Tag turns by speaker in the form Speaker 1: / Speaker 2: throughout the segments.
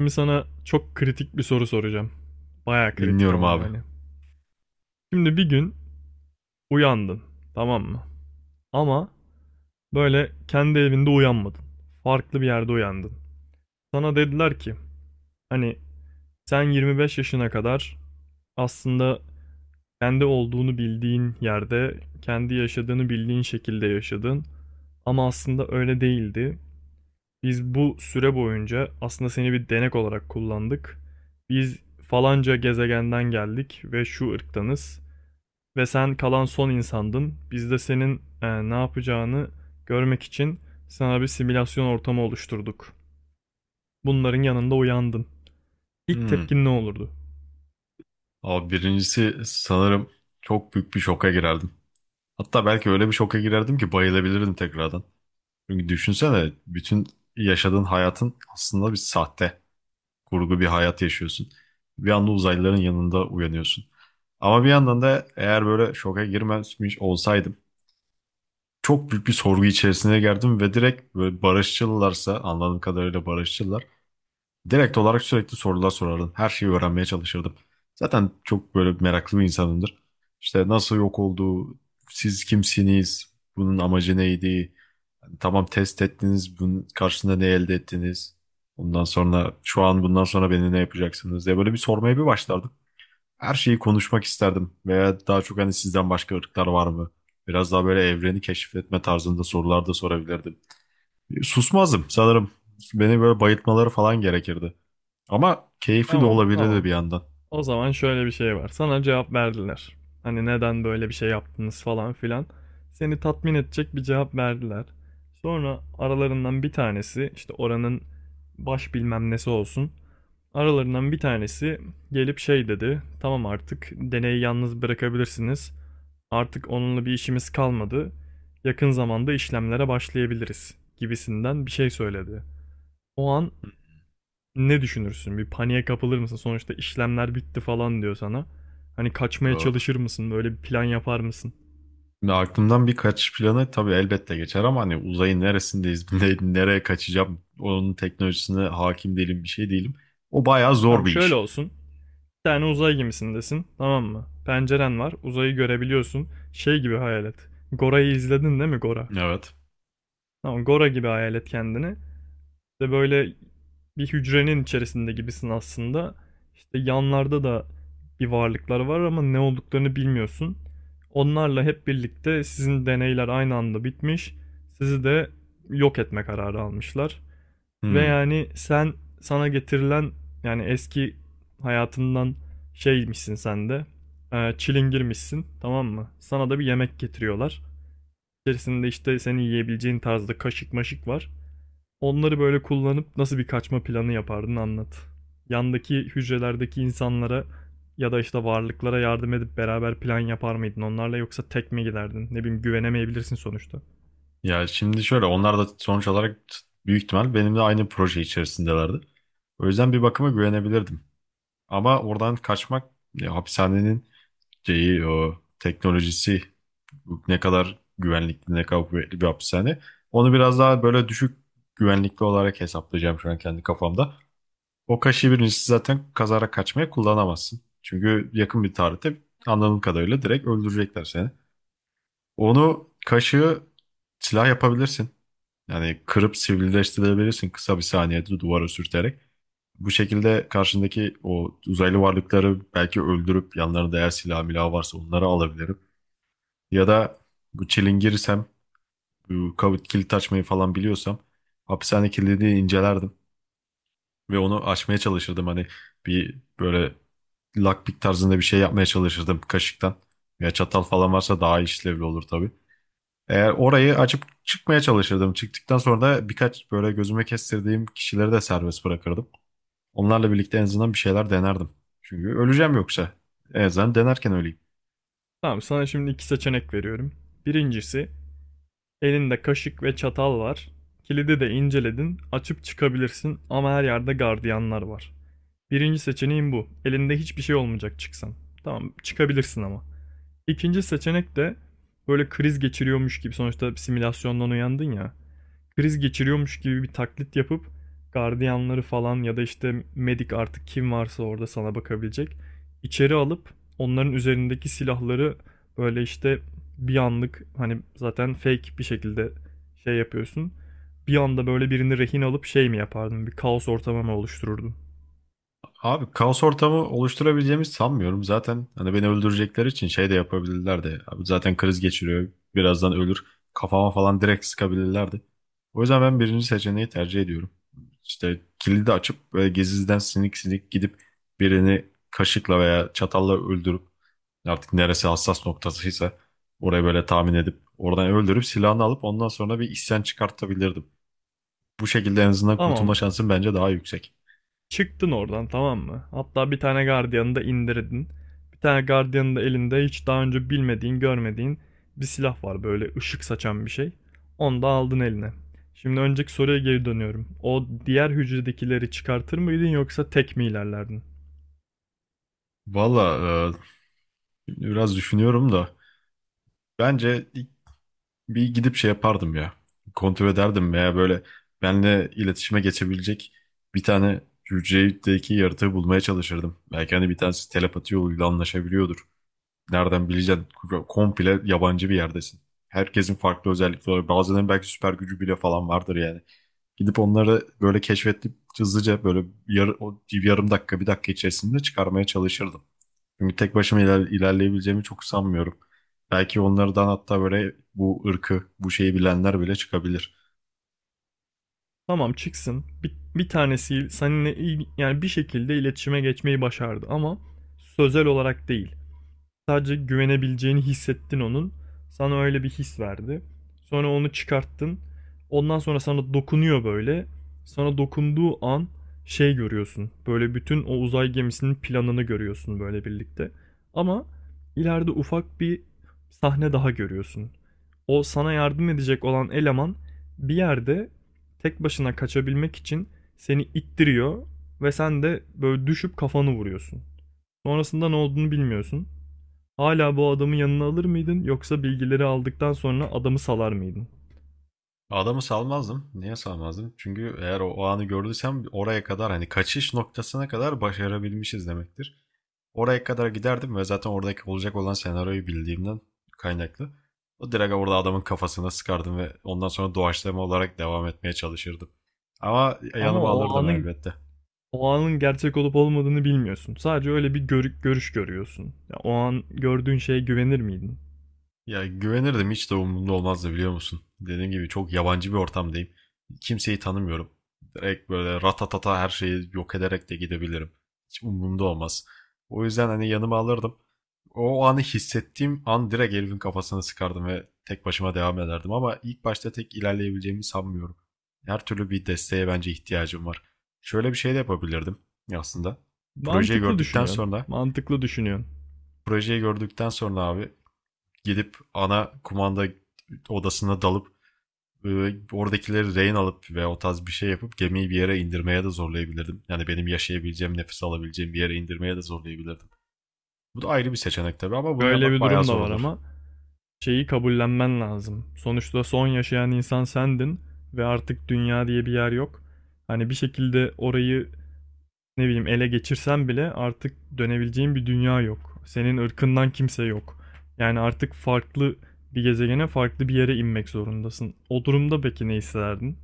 Speaker 1: Şimdi sana çok kritik bir soru soracağım. Baya kritik
Speaker 2: Dinliyorum
Speaker 1: ama
Speaker 2: abi.
Speaker 1: yani. Şimdi bir gün uyandın, tamam mı? Ama böyle kendi evinde uyanmadın. Farklı bir yerde uyandın. Sana dediler ki hani sen 25 yaşına kadar aslında kendi olduğunu bildiğin yerde, kendi yaşadığını bildiğin şekilde yaşadın. Ama aslında öyle değildi. Biz bu süre boyunca aslında seni bir denek olarak kullandık. Biz falanca gezegenden geldik ve şu ırktanız ve sen kalan son insandın. Biz de senin ne yapacağını görmek için sana bir simülasyon ortamı oluşturduk. Bunların yanında uyandın. İlk
Speaker 2: Hmm.
Speaker 1: tepkin ne olurdu?
Speaker 2: Abi birincisi sanırım çok büyük bir şoka girerdim. Hatta belki öyle bir şoka girerdim ki bayılabilirdim tekrardan. Çünkü düşünsene bütün yaşadığın hayatın aslında bir sahte, kurgu bir hayat yaşıyorsun. Bir anda uzaylıların yanında uyanıyorsun. Ama bir yandan da eğer böyle şoka girmemiş olsaydım çok büyük bir sorgu içerisine girdim ve direkt böyle barışçılarsa anladığım kadarıyla barışçılar direkt olarak sürekli sorular sorardım. Her şeyi öğrenmeye çalışırdım. Zaten çok böyle meraklı bir insanımdır. İşte nasıl yok oldu, siz kimsiniz, bunun amacı neydi, tamam test ettiniz, bunun karşısında ne elde ettiniz, ondan sonra şu an bundan sonra beni ne yapacaksınız diye böyle bir sormaya bir başlardım. Her şeyi konuşmak isterdim veya daha çok hani sizden başka ırklar var mı? Biraz daha böyle evreni keşfetme tarzında sorular da sorabilirdim. Susmazdım sanırım. Beni böyle bayıltmaları falan gerekirdi. Ama keyifli de
Speaker 1: Tamam,
Speaker 2: olabilirdi
Speaker 1: tamam.
Speaker 2: bir yandan.
Speaker 1: O zaman şöyle bir şey var. Sana cevap verdiler. Hani neden böyle bir şey yaptınız falan filan. Seni tatmin edecek bir cevap verdiler. Sonra aralarından bir tanesi işte oranın baş bilmem nesi olsun. Aralarından bir tanesi gelip şey dedi. Tamam, artık deneyi yalnız bırakabilirsiniz. Artık onunla bir işimiz kalmadı. Yakın zamanda işlemlere başlayabiliriz gibisinden bir şey söyledi. O an ne düşünürsün? Bir paniğe kapılır mısın? Sonuçta işlemler bitti falan diyor sana. Hani kaçmaya
Speaker 2: Ee,
Speaker 1: çalışır mısın? Böyle bir plan yapar mısın?
Speaker 2: Şimdi aklımdan bir kaçış planı tabii elbette geçer ama hani uzayın neresindeyiz, nereye kaçacağım, onun teknolojisine hakim değilim, bir şey değilim. O bayağı zor
Speaker 1: Tamam,
Speaker 2: bir
Speaker 1: şöyle
Speaker 2: iş.
Speaker 1: olsun. Bir tane uzay gemisindesin. Tamam mı? Penceren var. Uzayı görebiliyorsun. Şey gibi hayal et. Gora'yı izledin değil mi Gora?
Speaker 2: Evet.
Speaker 1: Tamam, Gora gibi hayal et kendini. De böyle bir hücrenin içerisinde gibisin aslında. İşte yanlarda da bir varlıklar var ama ne olduklarını bilmiyorsun. Onlarla hep birlikte sizin deneyler aynı anda bitmiş. Sizi de yok etme kararı almışlar. Ve
Speaker 2: Hmm.
Speaker 1: yani sen sana getirilen yani eski hayatından şeymişsin sen de. Çilingirmişsin, tamam mı? Sana da bir yemek getiriyorlar. İçerisinde işte seni yiyebileceğin tarzda kaşık maşık var. Onları böyle kullanıp nasıl bir kaçma planı yapardın anlat. Yandaki hücrelerdeki insanlara ya da işte varlıklara yardım edip beraber plan yapar mıydın onlarla, yoksa tek mi giderdin? Ne bileyim, güvenemeyebilirsin sonuçta.
Speaker 2: Ya şimdi şöyle onlar da sonuç olarak büyük ihtimal benimle aynı proje içerisindelerdi. O yüzden bir bakıma güvenebilirdim. Ama oradan kaçmak ya, hapishanenin şeyi, o teknolojisi ne kadar güvenlikli, ne kadar kuvvetli bir hapishane. Onu biraz daha böyle düşük güvenlikli olarak hesaplayacağım şu an kendi kafamda. O kaşığı birincisi zaten kazara kaçmaya kullanamazsın. Çünkü yakın bir tarihte anladığım kadarıyla direkt öldürecekler seni. Onu kaşığı silah yapabilirsin. Yani kırıp sivrileştirebilirsin kısa bir saniyede duvara sürterek. Bu şekilde karşındaki o uzaylı varlıkları belki öldürüp yanlarında eğer silah milah varsa onları alabilirim. Ya da bu çilingirirsem bu kilit açmayı falan biliyorsam hapishane kilidini incelerdim ve onu açmaya çalışırdım. Hani bir böyle lockpick tarzında bir şey yapmaya çalışırdım kaşıktan. Ya çatal falan varsa daha işlevli olur tabii. Eğer orayı açıp çıkmaya çalışırdım. Çıktıktan sonra da birkaç böyle gözüme kestirdiğim kişileri de serbest bırakırdım. Onlarla birlikte en azından bir şeyler denerdim. Çünkü öleceğim yoksa. En azından denerken öleyim.
Speaker 1: Tamam, sana şimdi iki seçenek veriyorum. Birincisi, elinde kaşık ve çatal var. Kilidi de inceledin, açıp çıkabilirsin ama her yerde gardiyanlar var. Birinci seçeneğin bu. Elinde hiçbir şey olmayacak çıksan. Tamam, çıkabilirsin ama. İkinci seçenek de böyle kriz geçiriyormuş gibi, sonuçta bir simülasyondan uyandın ya. Kriz geçiriyormuş gibi bir taklit yapıp gardiyanları falan ya da işte medik, artık kim varsa orada sana bakabilecek. İçeri alıp onların üzerindeki silahları böyle işte bir anlık, hani zaten fake bir şekilde şey yapıyorsun. Bir anda böyle birini rehin alıp şey mi yapardın? Bir kaos ortamı mı oluştururdun?
Speaker 2: Abi kaos ortamı oluşturabileceğimi sanmıyorum. Zaten hani beni öldürecekleri için şey de yapabilirlerdi. Abi zaten kriz geçiriyor. Birazdan ölür. Kafama falan direkt sıkabilirlerdi. O yüzden ben birinci seçeneği tercih ediyorum. İşte kilidi açıp böyle gezizden sinik sinik gidip birini kaşıkla veya çatalla öldürüp artık neresi hassas noktasıysa orayı böyle tahmin edip oradan öldürüp silahını alıp ondan sonra bir isyan çıkartabilirdim. Bu şekilde en azından kurtulma
Speaker 1: Tamam.
Speaker 2: şansın bence daha yüksek.
Speaker 1: Çıktın oradan, tamam mı? Hatta bir tane gardiyanı da indirdin. Bir tane gardiyanın da elinde hiç daha önce bilmediğin, görmediğin bir silah var, böyle ışık saçan bir şey. Onu da aldın eline. Şimdi önceki soruya geri dönüyorum. O diğer hücredekileri çıkartır mıydın yoksa tek mi ilerlerdin?
Speaker 2: Valla şimdi biraz düşünüyorum da bence ilk bir gidip şey yapardım ya. Kontrol ederdim veya böyle benle iletişime geçebilecek bir tane hücredeki yaratığı bulmaya çalışırdım. Belki hani bir tanesi telepati yoluyla anlaşabiliyordur. Nereden bileceksin? Komple yabancı bir yerdesin. Herkesin farklı özellikleri var. Bazılarının belki süper gücü bile falan vardır yani. Gidip onları böyle keşfedip hızlıca böyle o yarım dakika bir dakika içerisinde çıkarmaya çalışırdım. Çünkü tek başıma ilerleyebileceğimi çok sanmıyorum. Belki onlardan hatta böyle bu ırkı, bu şeyi bilenler bile çıkabilir.
Speaker 1: Tamam, çıksın. Bir tanesi seninle yani bir şekilde iletişime geçmeyi başardı ama sözel olarak değil. Sadece güvenebileceğini hissettin onun. Sana öyle bir his verdi. Sonra onu çıkarttın. Ondan sonra sana dokunuyor böyle. Sana dokunduğu an şey görüyorsun. Böyle bütün o uzay gemisinin planını görüyorsun böyle birlikte. Ama ileride ufak bir sahne daha görüyorsun. O sana yardım edecek olan eleman bir yerde tek başına kaçabilmek için seni ittiriyor ve sen de böyle düşüp kafanı vuruyorsun. Sonrasında ne olduğunu bilmiyorsun. Hala bu adamı yanına alır mıydın yoksa bilgileri aldıktan sonra adamı salar mıydın?
Speaker 2: Adamı salmazdım. Niye salmazdım? Çünkü eğer o, o anı gördüysem oraya kadar hani kaçış noktasına kadar başarabilmişiz demektir. Oraya kadar giderdim ve zaten oradaki olacak olan senaryoyu bildiğimden kaynaklı. O direkt orada adamın kafasına sıkardım ve ondan sonra doğaçlama olarak devam etmeye çalışırdım. Ama
Speaker 1: Ama
Speaker 2: yanıma
Speaker 1: o
Speaker 2: alırdım
Speaker 1: anın
Speaker 2: elbette.
Speaker 1: o anın gerçek olup olmadığını bilmiyorsun. Sadece öyle bir görüş görüyorsun. Ya, o an gördüğün şeye güvenir miydin?
Speaker 2: Ya güvenirdim, hiç de umurumda olmazdı biliyor musun? Dediğim gibi çok yabancı bir ortamdayım. Kimseyi tanımıyorum. Direkt böyle ratatata her şeyi yok ederek de gidebilirim. Hiç umurumda olmaz. O yüzden hani yanıma alırdım. O anı hissettiğim an direkt herifin kafasını sıkardım ve tek başıma devam ederdim. Ama ilk başta tek ilerleyebileceğimi sanmıyorum. Her türlü bir desteğe bence ihtiyacım var. Şöyle bir şey de yapabilirdim aslında. Projeyi
Speaker 1: Mantıklı
Speaker 2: gördükten
Speaker 1: düşünüyorsun.
Speaker 2: sonra,
Speaker 1: Mantıklı düşünüyorsun.
Speaker 2: projeyi gördükten sonra abi gidip ana kumanda odasına dalıp e, oradakileri rehin alıp ve o tarz bir şey yapıp gemiyi bir yere indirmeye de zorlayabilirdim. Yani benim yaşayabileceğim, nefes alabileceğim bir yere indirmeye de zorlayabilirdim. Bu da ayrı bir seçenek tabii ama bunu
Speaker 1: Böyle
Speaker 2: yapmak
Speaker 1: bir
Speaker 2: bayağı
Speaker 1: durum da
Speaker 2: zor
Speaker 1: var
Speaker 2: olur.
Speaker 1: ama şeyi kabullenmen lazım. Sonuçta son yaşayan insan sendin ve artık dünya diye bir yer yok. Hani bir şekilde orayı ne bileyim ele geçirsem bile artık dönebileceğin bir dünya yok. Senin ırkından kimse yok. Yani artık farklı bir gezegene, farklı bir yere inmek zorundasın. O durumda peki ne hissederdin?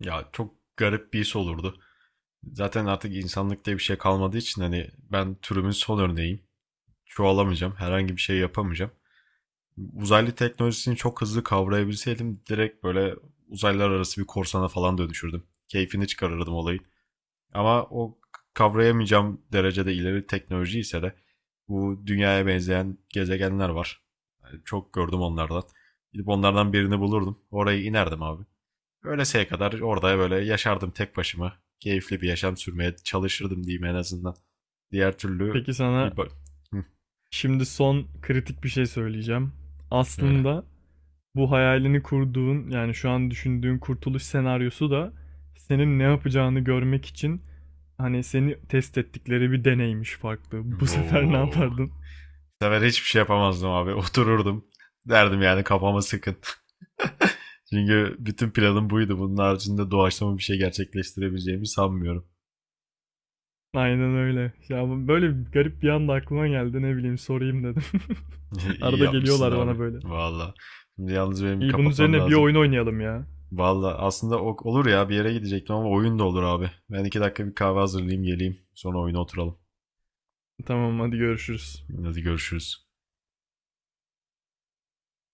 Speaker 2: Ya çok garip bir iş olurdu. Zaten artık insanlık diye bir şey kalmadığı için hani ben türümün son örneğiyim. Çoğalamayacağım, herhangi bir şey yapamayacağım. Uzaylı teknolojisini çok hızlı kavrayabilseydim direkt böyle uzaylar arası bir korsana falan dönüşürdüm. Keyfini çıkarırdım olayı. Ama o kavrayamayacağım derecede ileri teknoloji ise de bu dünyaya benzeyen gezegenler var. Yani çok gördüm onlardan. Gidip onlardan birini bulurdum. Oraya inerdim abi. Öleseye kadar orada böyle yaşardım tek başıma. Keyifli bir yaşam sürmeye çalışırdım diyeyim en azından. Diğer türlü
Speaker 1: Peki sana
Speaker 2: bir böyle. Hı.
Speaker 1: şimdi son kritik bir şey söyleyeceğim. Aslında bu hayalini kurduğun, yani şu an düşündüğün kurtuluş senaryosu da senin ne yapacağını görmek için hani seni test ettikleri bir deneymiş farklı. Bu sefer ne yapardın?
Speaker 2: Bu sefer hiçbir şey yapamazdım abi. Otururdum. Derdim yani kafama sıkın. Çünkü bütün planım buydu. Bunun haricinde doğaçlama bir şey gerçekleştirebileceğimi sanmıyorum.
Speaker 1: Aynen öyle. Ya böyle garip bir anda aklıma geldi, ne bileyim, sorayım dedim.
Speaker 2: İyi
Speaker 1: Arada
Speaker 2: yapmışsın
Speaker 1: geliyorlar
Speaker 2: abi.
Speaker 1: bana böyle.
Speaker 2: Valla. Şimdi yalnız benim bir
Speaker 1: İyi, bunun
Speaker 2: kapatmam
Speaker 1: üzerine bir
Speaker 2: lazım.
Speaker 1: oyun oynayalım ya.
Speaker 2: Valla aslında olur ya bir yere gidecektim ama oyun da olur abi. Ben 2 dakika bir kahve hazırlayayım geleyim. Sonra oyuna oturalım.
Speaker 1: Tamam, hadi görüşürüz.
Speaker 2: Hadi görüşürüz.